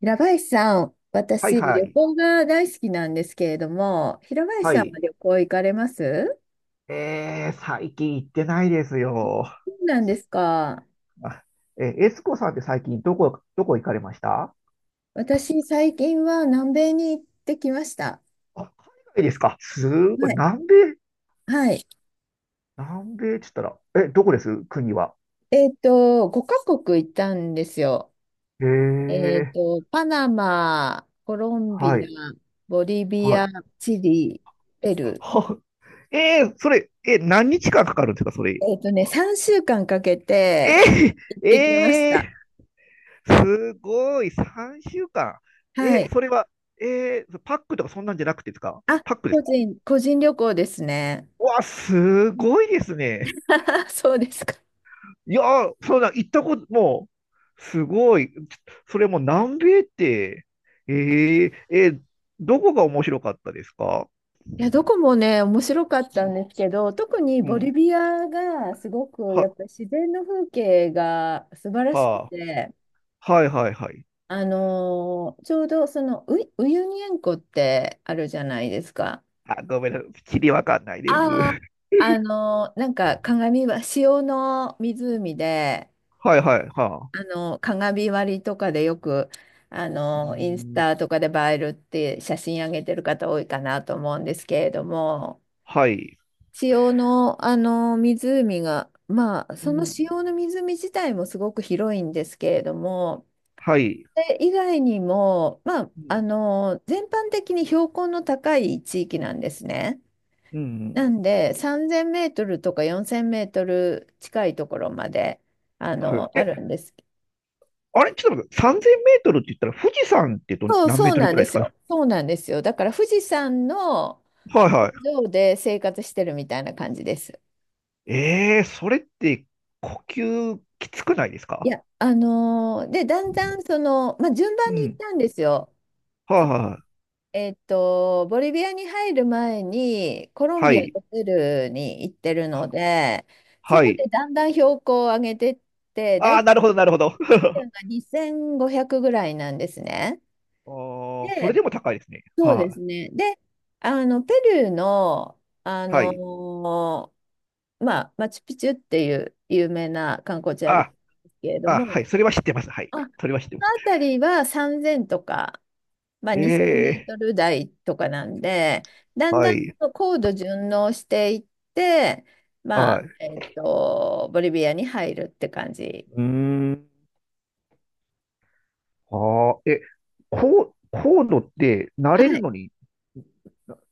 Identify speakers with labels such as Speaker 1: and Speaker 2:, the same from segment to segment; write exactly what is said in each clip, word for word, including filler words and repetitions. Speaker 1: 平林さん、
Speaker 2: はい
Speaker 1: 私、
Speaker 2: は
Speaker 1: 旅
Speaker 2: い。
Speaker 1: 行が大好きなんですけれども、平林
Speaker 2: は
Speaker 1: さんは
Speaker 2: い。
Speaker 1: 旅行行かれます？
Speaker 2: えー、最近行ってないですよ。
Speaker 1: そうなんですか。
Speaker 2: あえー、エスコさんって最近どこ、どこ行かれました？
Speaker 1: 私、最近は南米に行ってきました。
Speaker 2: あ、海外ですか。すご
Speaker 1: は
Speaker 2: い。
Speaker 1: い。
Speaker 2: 南米、
Speaker 1: はい。
Speaker 2: 南米って言ったら、え、どこです国は？
Speaker 1: えっと、ごカ国行ったんですよ。
Speaker 2: え
Speaker 1: えっ
Speaker 2: ー、
Speaker 1: と、パナマ、コロンビ
Speaker 2: はい。
Speaker 1: ア、ボリビ
Speaker 2: は
Speaker 1: ア、
Speaker 2: い。
Speaker 1: チリ、ペ ル
Speaker 2: は、えー、それ、え、何日間かかるんですか、そ
Speaker 1: ー。
Speaker 2: れ？
Speaker 1: えっとね、さんしゅうかんかんかけて
Speaker 2: え
Speaker 1: 行っ
Speaker 2: ー、
Speaker 1: てきました。
Speaker 2: えー、すごい。さんしゅうかん。
Speaker 1: は
Speaker 2: え、
Speaker 1: い。
Speaker 2: それは、えー、パックとかそんなんじゃなくてですか？
Speaker 1: あ、
Speaker 2: パックで
Speaker 1: 個
Speaker 2: すか？
Speaker 1: 人、個人旅行ですね。
Speaker 2: うわ、すごいですね。
Speaker 1: そうですか。
Speaker 2: いやー、そうだ、行ったこと、もう、すごい。それも南米って、えー、えーどこが面白かったですか？
Speaker 1: いや、どこもね、面白かっ
Speaker 2: う
Speaker 1: たん
Speaker 2: ん、
Speaker 1: ですけど、特にボリビアがすごく、や
Speaker 2: は、
Speaker 1: っぱり自然の風景が素晴らしく
Speaker 2: は
Speaker 1: て、
Speaker 2: あ、はいはいはい。
Speaker 1: あのーちょうどそのウイ、ウユニ塩湖ってあるじゃないですか。
Speaker 2: あ、ごめんなさい。きりわかんないです。
Speaker 1: ああ、あのーなんか鏡は塩の湖で、
Speaker 2: はいはい、は
Speaker 1: あ
Speaker 2: あ。
Speaker 1: のー鏡割りとかでよく、あ
Speaker 2: う
Speaker 1: のーインス
Speaker 2: ん、
Speaker 1: タとかで映えるって写真上げてる方多いかなと思うんですけれども、
Speaker 2: はい。
Speaker 1: 塩の、あの湖が、まあ、
Speaker 2: う
Speaker 1: その
Speaker 2: ん、
Speaker 1: 塩の湖自体もすごく広いんですけれども、
Speaker 2: はい。
Speaker 1: それ以外にも、まあ、
Speaker 2: う
Speaker 1: あ
Speaker 2: ん、
Speaker 1: の全般的に標高の高い地域なんですね。
Speaker 2: うん
Speaker 1: なんで、さんぜんメートルとかよんせんメートル近いところまで、あ
Speaker 2: はい。
Speaker 1: の、あ
Speaker 2: え、
Speaker 1: るんです。
Speaker 2: あれ、ちょっと待って、さんぜんメートルって言ったら、富士山ってど
Speaker 1: そう、
Speaker 2: 何メ
Speaker 1: そ
Speaker 2: ー
Speaker 1: う
Speaker 2: トル
Speaker 1: なん
Speaker 2: ぐら
Speaker 1: で
Speaker 2: いです
Speaker 1: す
Speaker 2: か？
Speaker 1: よ。そうなんですよ。だから富士山の
Speaker 2: はい
Speaker 1: 頂
Speaker 2: は
Speaker 1: 上で生活してるみたいな感じです。
Speaker 2: い。えー、それって呼吸きつくないです
Speaker 1: い
Speaker 2: か？
Speaker 1: や、あのーで、だんだんその、まあ、順
Speaker 2: う
Speaker 1: 番に行っ
Speaker 2: ん。
Speaker 1: たんですよ。
Speaker 2: はあ、はあ、
Speaker 1: えっと、ボリビアに入る前にコロン
Speaker 2: は
Speaker 1: ビア
Speaker 2: い。
Speaker 1: とペルーに行ってるので、そ
Speaker 2: は
Speaker 1: こで
Speaker 2: い。
Speaker 1: だんだん標高を上げてって、
Speaker 2: あ
Speaker 1: 大
Speaker 2: あ、
Speaker 1: 体
Speaker 2: なるほど、なるほど。
Speaker 1: が にせんごひゃくぐらいなんですね。
Speaker 2: ああ、それ
Speaker 1: で、
Speaker 2: でも高いですね。
Speaker 1: そうで
Speaker 2: はい、
Speaker 1: すね。で、あの、ペルーの、あ
Speaker 2: は
Speaker 1: の
Speaker 2: い。
Speaker 1: ーまあ、マチュピチュっていう有名な観光地あるん
Speaker 2: あ
Speaker 1: ですけれど
Speaker 2: あ、はい。
Speaker 1: も、
Speaker 2: それは知ってます。はい。
Speaker 1: あ、こ
Speaker 2: それは知ってま
Speaker 1: の
Speaker 2: す。
Speaker 1: 辺りはさんぜんとか、まあ、2000メー
Speaker 2: ええ、
Speaker 1: トル台とかなんで、だん
Speaker 2: は
Speaker 1: だん
Speaker 2: い。
Speaker 1: と高度順応していって、ま
Speaker 2: は
Speaker 1: あ、
Speaker 2: い。
Speaker 1: えっと、ボリビアに入るって感じ。
Speaker 2: うーん。ああ、え、コー、コードって慣れ
Speaker 1: は
Speaker 2: る
Speaker 1: い。
Speaker 2: のに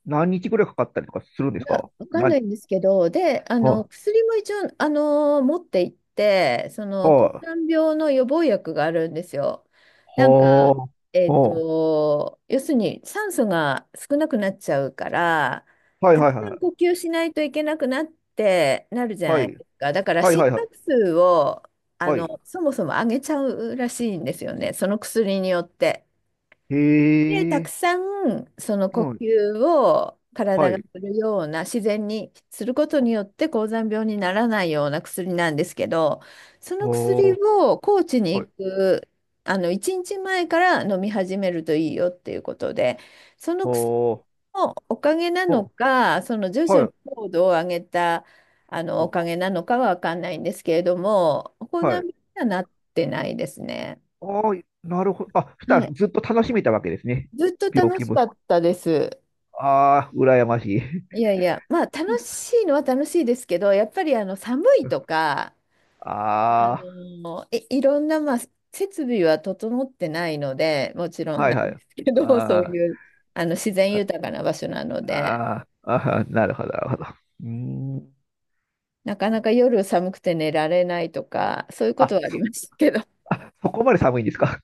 Speaker 2: 何日ぐらいかかったりとかするんで
Speaker 1: い
Speaker 2: す
Speaker 1: や、
Speaker 2: か？
Speaker 1: わか
Speaker 2: な、
Speaker 1: ん
Speaker 2: は
Speaker 1: な
Speaker 2: い、
Speaker 1: いんですけど、で、あ
Speaker 2: は
Speaker 1: の、
Speaker 2: い、
Speaker 1: 薬も一応、あの、持って行って、その、抗
Speaker 2: は
Speaker 1: がん病の予防薬があるんですよ。なんか、え
Speaker 2: あ、
Speaker 1: っ
Speaker 2: は
Speaker 1: と、要するに酸素が少なくなっちゃうから、
Speaker 2: あ、はい、
Speaker 1: た
Speaker 2: は
Speaker 1: く
Speaker 2: い、
Speaker 1: さん
Speaker 2: は
Speaker 1: 呼吸しないといけなくなってなるじ
Speaker 2: い、
Speaker 1: ゃ
Speaker 2: は
Speaker 1: ない
Speaker 2: い、
Speaker 1: ですか。だから
Speaker 2: はい、
Speaker 1: 心
Speaker 2: はい、は
Speaker 1: 拍
Speaker 2: い、
Speaker 1: 数を
Speaker 2: はい。
Speaker 1: そもそも上げちゃうらしいんですよね、その薬によって。で、たく
Speaker 2: へえ、
Speaker 1: さんその
Speaker 2: う
Speaker 1: 呼
Speaker 2: ん、
Speaker 1: 吸を
Speaker 2: は
Speaker 1: 体がす
Speaker 2: い、
Speaker 1: るような自然にすること
Speaker 2: は、
Speaker 1: によって高山病にならないような薬なんですけど、その薬
Speaker 2: は
Speaker 1: を高知に
Speaker 2: はい。
Speaker 1: 行くあのいちにちまえから飲み始めるといいよっていうことで、その薬
Speaker 2: おー、
Speaker 1: のおかげなの
Speaker 2: お、
Speaker 1: か、その徐々
Speaker 2: は
Speaker 1: に
Speaker 2: い。
Speaker 1: 高度を上げたあのお
Speaker 2: あ、
Speaker 1: かげなのかはわかんないんですけれども、高山
Speaker 2: は
Speaker 1: 病
Speaker 2: い。
Speaker 1: にはなってないですね。
Speaker 2: あー、なるほど。あ、そした
Speaker 1: は
Speaker 2: ら
Speaker 1: い。
Speaker 2: ずっと楽しめたわけですね。
Speaker 1: ずっと
Speaker 2: 病
Speaker 1: 楽
Speaker 2: 気
Speaker 1: し
Speaker 2: も。
Speaker 1: かったです。
Speaker 2: ああ、羨ましい。
Speaker 1: いやいや、まあ楽しいのは楽しいですけど、やっぱりあの寒いと か、あ
Speaker 2: あ
Speaker 1: のい、いろんな、まあ、設備は整ってないので、もちろ
Speaker 2: あ、
Speaker 1: ん
Speaker 2: はい
Speaker 1: な
Speaker 2: は
Speaker 1: ん
Speaker 2: い。
Speaker 1: ですけど、そう
Speaker 2: あー
Speaker 1: いうあの自然
Speaker 2: あ、
Speaker 1: 豊かな場所なので、
Speaker 2: あーあー、なるほど、なるほど。うーん。
Speaker 1: なかなか夜寒くて寝られないとか、そういうこと
Speaker 2: あ、
Speaker 1: はあり
Speaker 2: そ、
Speaker 1: ましたけど。
Speaker 2: あ、そこまで寒いんですか？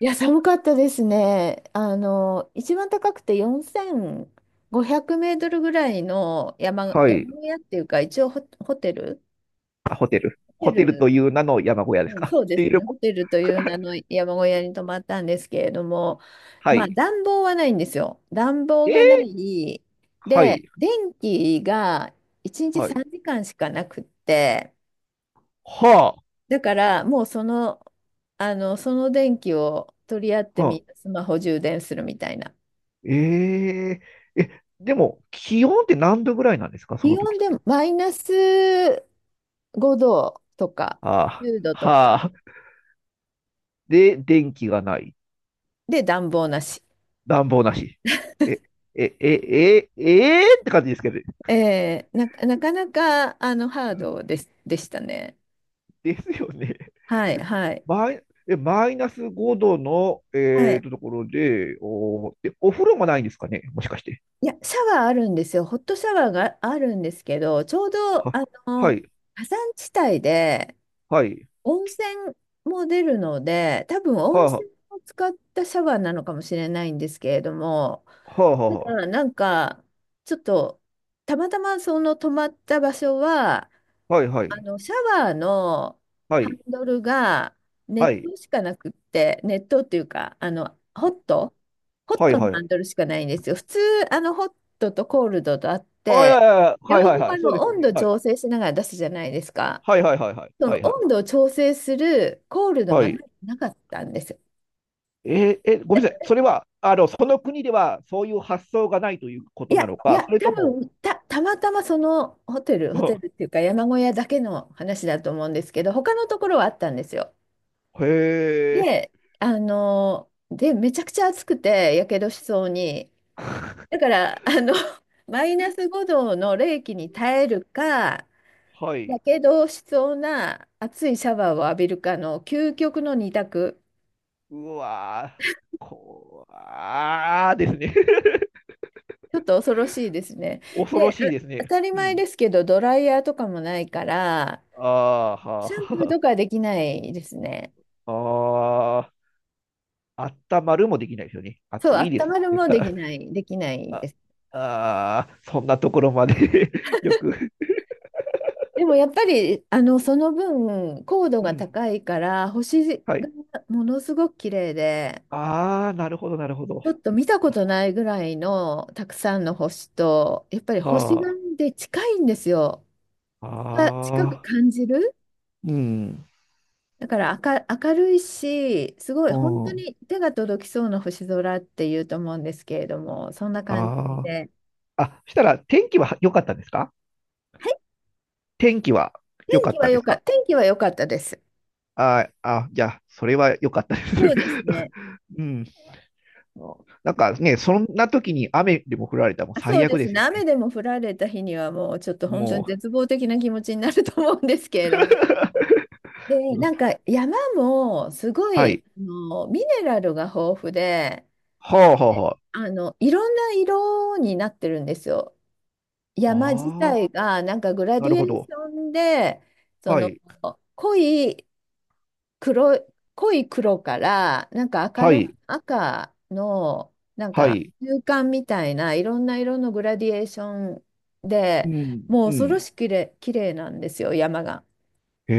Speaker 1: いや、寒かったですね。あの、一番高くてよんせんごひゃくメートルぐらいの山、
Speaker 2: はい。
Speaker 1: 山小屋っていうか、一応ホ、ホテル。
Speaker 2: あ、ホテル。
Speaker 1: ホテ
Speaker 2: ホテルと
Speaker 1: ル。
Speaker 2: いう名の山小屋です
Speaker 1: うん、
Speaker 2: か？っ
Speaker 1: そうで
Speaker 2: てい
Speaker 1: す
Speaker 2: うよ
Speaker 1: ね。
Speaker 2: り
Speaker 1: ホ
Speaker 2: も
Speaker 1: テルという 名の山小屋に泊まったんですけれども、
Speaker 2: は
Speaker 1: まあ
Speaker 2: い。
Speaker 1: 暖房はないんですよ。暖房
Speaker 2: え
Speaker 1: がな
Speaker 2: ー、
Speaker 1: い。
Speaker 2: は
Speaker 1: で、
Speaker 2: い。
Speaker 1: 電気がいちにち
Speaker 2: はい。
Speaker 1: さんじかんしかなくって、
Speaker 2: はいは
Speaker 1: だからもうその、あの、その電気を取り合っ
Speaker 2: あ。
Speaker 1: て
Speaker 2: はあ
Speaker 1: み、スマホ充電するみたいな。
Speaker 2: えええ、でも、気温って何度ぐらいなんですか、そ
Speaker 1: 気
Speaker 2: の
Speaker 1: 温
Speaker 2: 時っ
Speaker 1: で
Speaker 2: て？
Speaker 1: マイナスごどとか
Speaker 2: ああ、
Speaker 1: じゅうどと
Speaker 2: は
Speaker 1: か
Speaker 2: あ、で、電気がない。
Speaker 1: で暖房なし。
Speaker 2: 暖房なし。え、え、え、え、ええって感じですけど、
Speaker 1: えーな、なかなかあのハードです、でしたね。
Speaker 2: ですよね。
Speaker 1: はい、
Speaker 2: え
Speaker 1: はい、
Speaker 2: マイ、え、マイナスごどの、
Speaker 1: は
Speaker 2: えー
Speaker 1: い。
Speaker 2: と、ところで、おー、で、お風呂もないんですかね、もしかして。
Speaker 1: いや、シャワーあるんですよ。ホットシャワーがあるんですけど、ちょうど、
Speaker 2: は、
Speaker 1: あ
Speaker 2: は
Speaker 1: の、
Speaker 2: い、
Speaker 1: 火山地帯で
Speaker 2: はい、
Speaker 1: 温泉も出るので、多分
Speaker 2: は
Speaker 1: 温
Speaker 2: あ、は
Speaker 1: 泉を使ったシャワーなのかもしれないんですけれども、
Speaker 2: あ、
Speaker 1: た
Speaker 2: は
Speaker 1: だ、なんか、ちょっと、たまたまその泊まった場所は、
Speaker 2: あ、はい、は
Speaker 1: あ
Speaker 2: い、
Speaker 1: の、シャワーの
Speaker 2: は
Speaker 1: ハン
Speaker 2: い、
Speaker 1: ドルが
Speaker 2: は
Speaker 1: 熱
Speaker 2: い、
Speaker 1: 湯しかなくって、熱湯っていうか、あの、ホット、ホッ
Speaker 2: はい、
Speaker 1: トの
Speaker 2: は
Speaker 1: ハ
Speaker 2: い。
Speaker 1: ンドルしかないんですよ。普通、あの、ホットとコールドとあっ
Speaker 2: あ、いや
Speaker 1: て、
Speaker 2: いやいや、はい、
Speaker 1: 両
Speaker 2: はい、
Speaker 1: 方
Speaker 2: は
Speaker 1: あ
Speaker 2: い、そう
Speaker 1: の、
Speaker 2: ですよ
Speaker 1: 温
Speaker 2: ね。
Speaker 1: 度
Speaker 2: はい。
Speaker 1: 調整しながら出すじゃないですか。
Speaker 2: はいはいはいはい。
Speaker 1: そ
Speaker 2: は
Speaker 1: の
Speaker 2: いは
Speaker 1: 温度
Speaker 2: い。
Speaker 1: を調整するコールド
Speaker 2: は
Speaker 1: がな、
Speaker 2: い。
Speaker 1: なかったんですよ。
Speaker 2: えーえー、ごめんなさい。それは、あの、その国ではそういう発想がないというこ
Speaker 1: い
Speaker 2: と
Speaker 1: や、
Speaker 2: なの
Speaker 1: い
Speaker 2: か、
Speaker 1: や、
Speaker 2: それ
Speaker 1: 多
Speaker 2: とも。
Speaker 1: 分た、たまたまそのホテ ル、
Speaker 2: う
Speaker 1: ホ
Speaker 2: ん
Speaker 1: テルっていうか山小屋だけの話だと思うんですけど、他のところはあったんですよ。
Speaker 2: へえ、
Speaker 1: で、あの、で、めちゃくちゃ暑くて、やけどしそうに。だから、あの、マイナスごどの冷気に耐えるか、
Speaker 2: は
Speaker 1: や
Speaker 2: い。
Speaker 1: けどしそうな熱いシャワーを浴びるかの究極の二択。
Speaker 2: うわー、こわーですね。
Speaker 1: ちょっと恐ろしいですね。
Speaker 2: 恐
Speaker 1: で、
Speaker 2: ろ
Speaker 1: あ
Speaker 2: しいです
Speaker 1: 当
Speaker 2: ね。
Speaker 1: たり
Speaker 2: う
Speaker 1: 前
Speaker 2: ん。
Speaker 1: ですけど、ドライヤーとかもないから、
Speaker 2: ああ、
Speaker 1: シャンプーと
Speaker 2: は
Speaker 1: かできないですね。
Speaker 2: あ、はあ、あったまるもできないですよね。
Speaker 1: そう、
Speaker 2: 暑いで
Speaker 1: 温
Speaker 2: す。
Speaker 1: まる
Speaker 2: です
Speaker 1: も
Speaker 2: か
Speaker 1: で
Speaker 2: ら。
Speaker 1: きない、できないです。
Speaker 2: ああー、そんなところまで よく。
Speaker 1: でもやっぱりあのその分高度
Speaker 2: う
Speaker 1: が
Speaker 2: ん。
Speaker 1: 高いから、星
Speaker 2: はい。
Speaker 1: がものすごく綺麗で、
Speaker 2: ああ、なるほど、なるほど。
Speaker 1: ちょっと見たこ
Speaker 2: あ
Speaker 1: とないぐらいのたくさんの星と、やっぱり星が
Speaker 2: あ。
Speaker 1: で近いんですよ。が近く
Speaker 2: ああ、
Speaker 1: 感じる。
Speaker 2: うん、
Speaker 1: だから明、明るいし、すごい、
Speaker 2: う
Speaker 1: 本当
Speaker 2: ん、
Speaker 1: に手が届きそうな星空っていうと思うんですけれども、そんな感じ
Speaker 2: あ
Speaker 1: で。
Speaker 2: あ。あ、そしたら天気は良かったんですか？天気は良
Speaker 1: 天
Speaker 2: か
Speaker 1: 気
Speaker 2: っ
Speaker 1: は
Speaker 2: たで
Speaker 1: 良
Speaker 2: す
Speaker 1: か、
Speaker 2: か？
Speaker 1: 天気は良かったです。
Speaker 2: あーあ、じゃあ、それは良かったです。
Speaker 1: そうですね。
Speaker 2: うん。なんかね、そんな時に雨でも降られたらもう
Speaker 1: あそ
Speaker 2: 最
Speaker 1: うで
Speaker 2: 悪
Speaker 1: す
Speaker 2: です
Speaker 1: ね。
Speaker 2: よ
Speaker 1: 雨
Speaker 2: ね。
Speaker 1: でも降られた日にはもうちょっと本当に
Speaker 2: も
Speaker 1: 絶望的な気持ちになると思うんですけれども。で、
Speaker 2: う。
Speaker 1: なんか 山もすご
Speaker 2: は
Speaker 1: い、
Speaker 2: い。
Speaker 1: あの、ミネラルが豊富で、
Speaker 2: はあはあ
Speaker 1: で
Speaker 2: は
Speaker 1: あの、いろんな色になってるんですよ。
Speaker 2: あ。
Speaker 1: 山自
Speaker 2: ああ、
Speaker 1: 体がなんかグラ
Speaker 2: な
Speaker 1: ディ
Speaker 2: る
Speaker 1: エ
Speaker 2: ほ
Speaker 1: ーシ
Speaker 2: ど。
Speaker 1: ョンで、そ
Speaker 2: は
Speaker 1: の
Speaker 2: い。
Speaker 1: 濃い黒い、濃い黒から、なんか明
Speaker 2: は
Speaker 1: るい
Speaker 2: い。
Speaker 1: 赤の、なん
Speaker 2: は
Speaker 1: か
Speaker 2: い。
Speaker 1: 中間みたいないろんな色のグラディエーション
Speaker 2: う
Speaker 1: で、
Speaker 2: ん。
Speaker 1: もう
Speaker 2: う
Speaker 1: 恐ろ
Speaker 2: ん。
Speaker 1: しく綺麗、綺麗なんですよ、山が。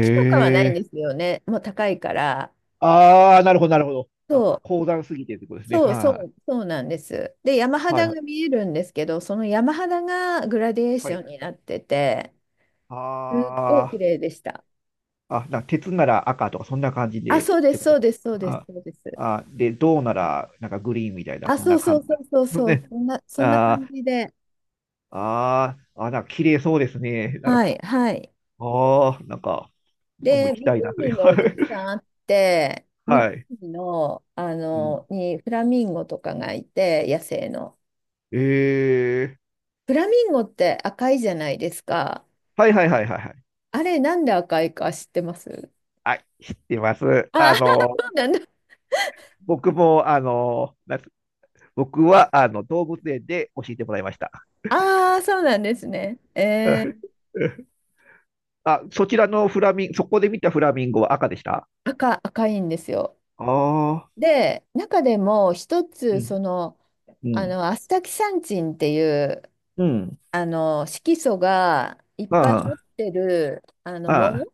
Speaker 1: 木とかはないん
Speaker 2: え。
Speaker 1: ですよね、もう高いから。
Speaker 2: ああ、なるほど、なるほど。あ、
Speaker 1: そう、
Speaker 2: 高山すぎてってことですね。
Speaker 1: そ
Speaker 2: は
Speaker 1: う、
Speaker 2: い
Speaker 1: そ
Speaker 2: は
Speaker 1: う、そうなんです。で、山
Speaker 2: い。はい
Speaker 1: 肌
Speaker 2: は
Speaker 1: が
Speaker 2: い。
Speaker 1: 見えるんですけど、その山肌がグラディエーシ
Speaker 2: は
Speaker 1: ョ
Speaker 2: い
Speaker 1: ンになってて、
Speaker 2: あ
Speaker 1: すっごい綺麗でした。
Speaker 2: あ、あ、な、鉄なら赤とか、そんな感じ
Speaker 1: あ、
Speaker 2: でっ
Speaker 1: そうで
Speaker 2: て
Speaker 1: す、
Speaker 2: ことで
Speaker 1: そう
Speaker 2: すか？
Speaker 1: です、そうです、
Speaker 2: あ、
Speaker 1: そうです。
Speaker 2: あ、で、銅なら、なんかグリーンみたいな、
Speaker 1: あ、
Speaker 2: そん
Speaker 1: そ
Speaker 2: な
Speaker 1: うそ
Speaker 2: 感
Speaker 1: う
Speaker 2: じ
Speaker 1: そ
Speaker 2: な
Speaker 1: うそう
Speaker 2: ん
Speaker 1: そ
Speaker 2: で
Speaker 1: う、
Speaker 2: すね。
Speaker 1: そんな、そんな
Speaker 2: あ
Speaker 1: 感
Speaker 2: ー
Speaker 1: じで。
Speaker 2: あー、あ、なんか綺麗そうですね。なんか
Speaker 1: はい、
Speaker 2: き、
Speaker 1: はい。
Speaker 2: ああ、なんか、僕も
Speaker 1: で、
Speaker 2: 行きたいなという。
Speaker 1: 湖もたくさ んあって、湖
Speaker 2: はい。
Speaker 1: の、あ
Speaker 2: うん、
Speaker 1: の、にフラミンゴとかがいて、野生の。
Speaker 2: えー、
Speaker 1: フラミンゴって赤いじゃないですか。
Speaker 2: はいはいはいはいはい。
Speaker 1: あれ、なんで赤いか知ってます？
Speaker 2: はい、知ってます。
Speaker 1: ああ
Speaker 2: あの、
Speaker 1: ー、そうなんだ。
Speaker 2: 僕も、あの、なんつ僕は、あの、動物園で教えてもらいました。
Speaker 1: ああ、そうなんですね。えー、
Speaker 2: あ、そちらのフラミン、そこで見たフラミンゴは赤でした？
Speaker 1: 赤、赤いんですよ。
Speaker 2: ああ
Speaker 1: で、中でも一
Speaker 2: ー、う
Speaker 1: つ、
Speaker 2: ん、
Speaker 1: その、
Speaker 2: う
Speaker 1: あ
Speaker 2: ん、
Speaker 1: の、アスタキサンチンっていう、
Speaker 2: うん。
Speaker 1: あの、色素がいっぱい持
Speaker 2: あ
Speaker 1: ってる、あの、
Speaker 2: あ、
Speaker 1: 藻、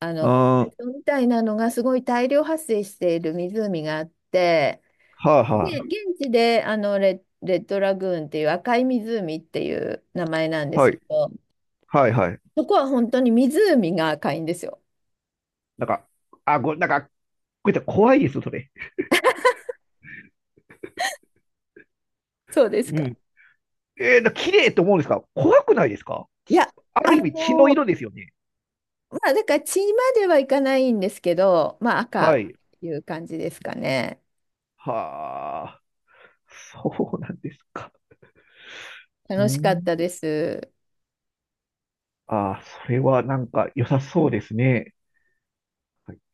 Speaker 1: あ
Speaker 2: あ
Speaker 1: の、カ
Speaker 2: あ、ああ、
Speaker 1: ートみたいなのがすごい大量発生している湖があって、
Speaker 2: はあ、
Speaker 1: で、
Speaker 2: は
Speaker 1: 現地であのレ、レッドラグーンっていう赤い湖っていう名前なんで
Speaker 2: あ、
Speaker 1: す
Speaker 2: は
Speaker 1: け
Speaker 2: い、
Speaker 1: ど、
Speaker 2: はい、はい。
Speaker 1: そこは本当に湖が赤いんですよ。
Speaker 2: なんか、あ、ご、なんか、こうやって怖いです、それ。
Speaker 1: そうです
Speaker 2: う
Speaker 1: か。
Speaker 2: ん。えー、な綺麗と思うんですか？怖くないですか？
Speaker 1: いや、
Speaker 2: ある
Speaker 1: あ
Speaker 2: 意味血の
Speaker 1: の、
Speaker 2: 色ですよね。
Speaker 1: まあ、だから血まではいかないんですけど、まあ、赤
Speaker 2: は
Speaker 1: っ
Speaker 2: い。
Speaker 1: ていう感じですかね。
Speaker 2: はあ、そうなんですか。う
Speaker 1: 楽しかっ
Speaker 2: ん。
Speaker 1: たです。
Speaker 2: ああ、それはなんか良さそうですね。はい。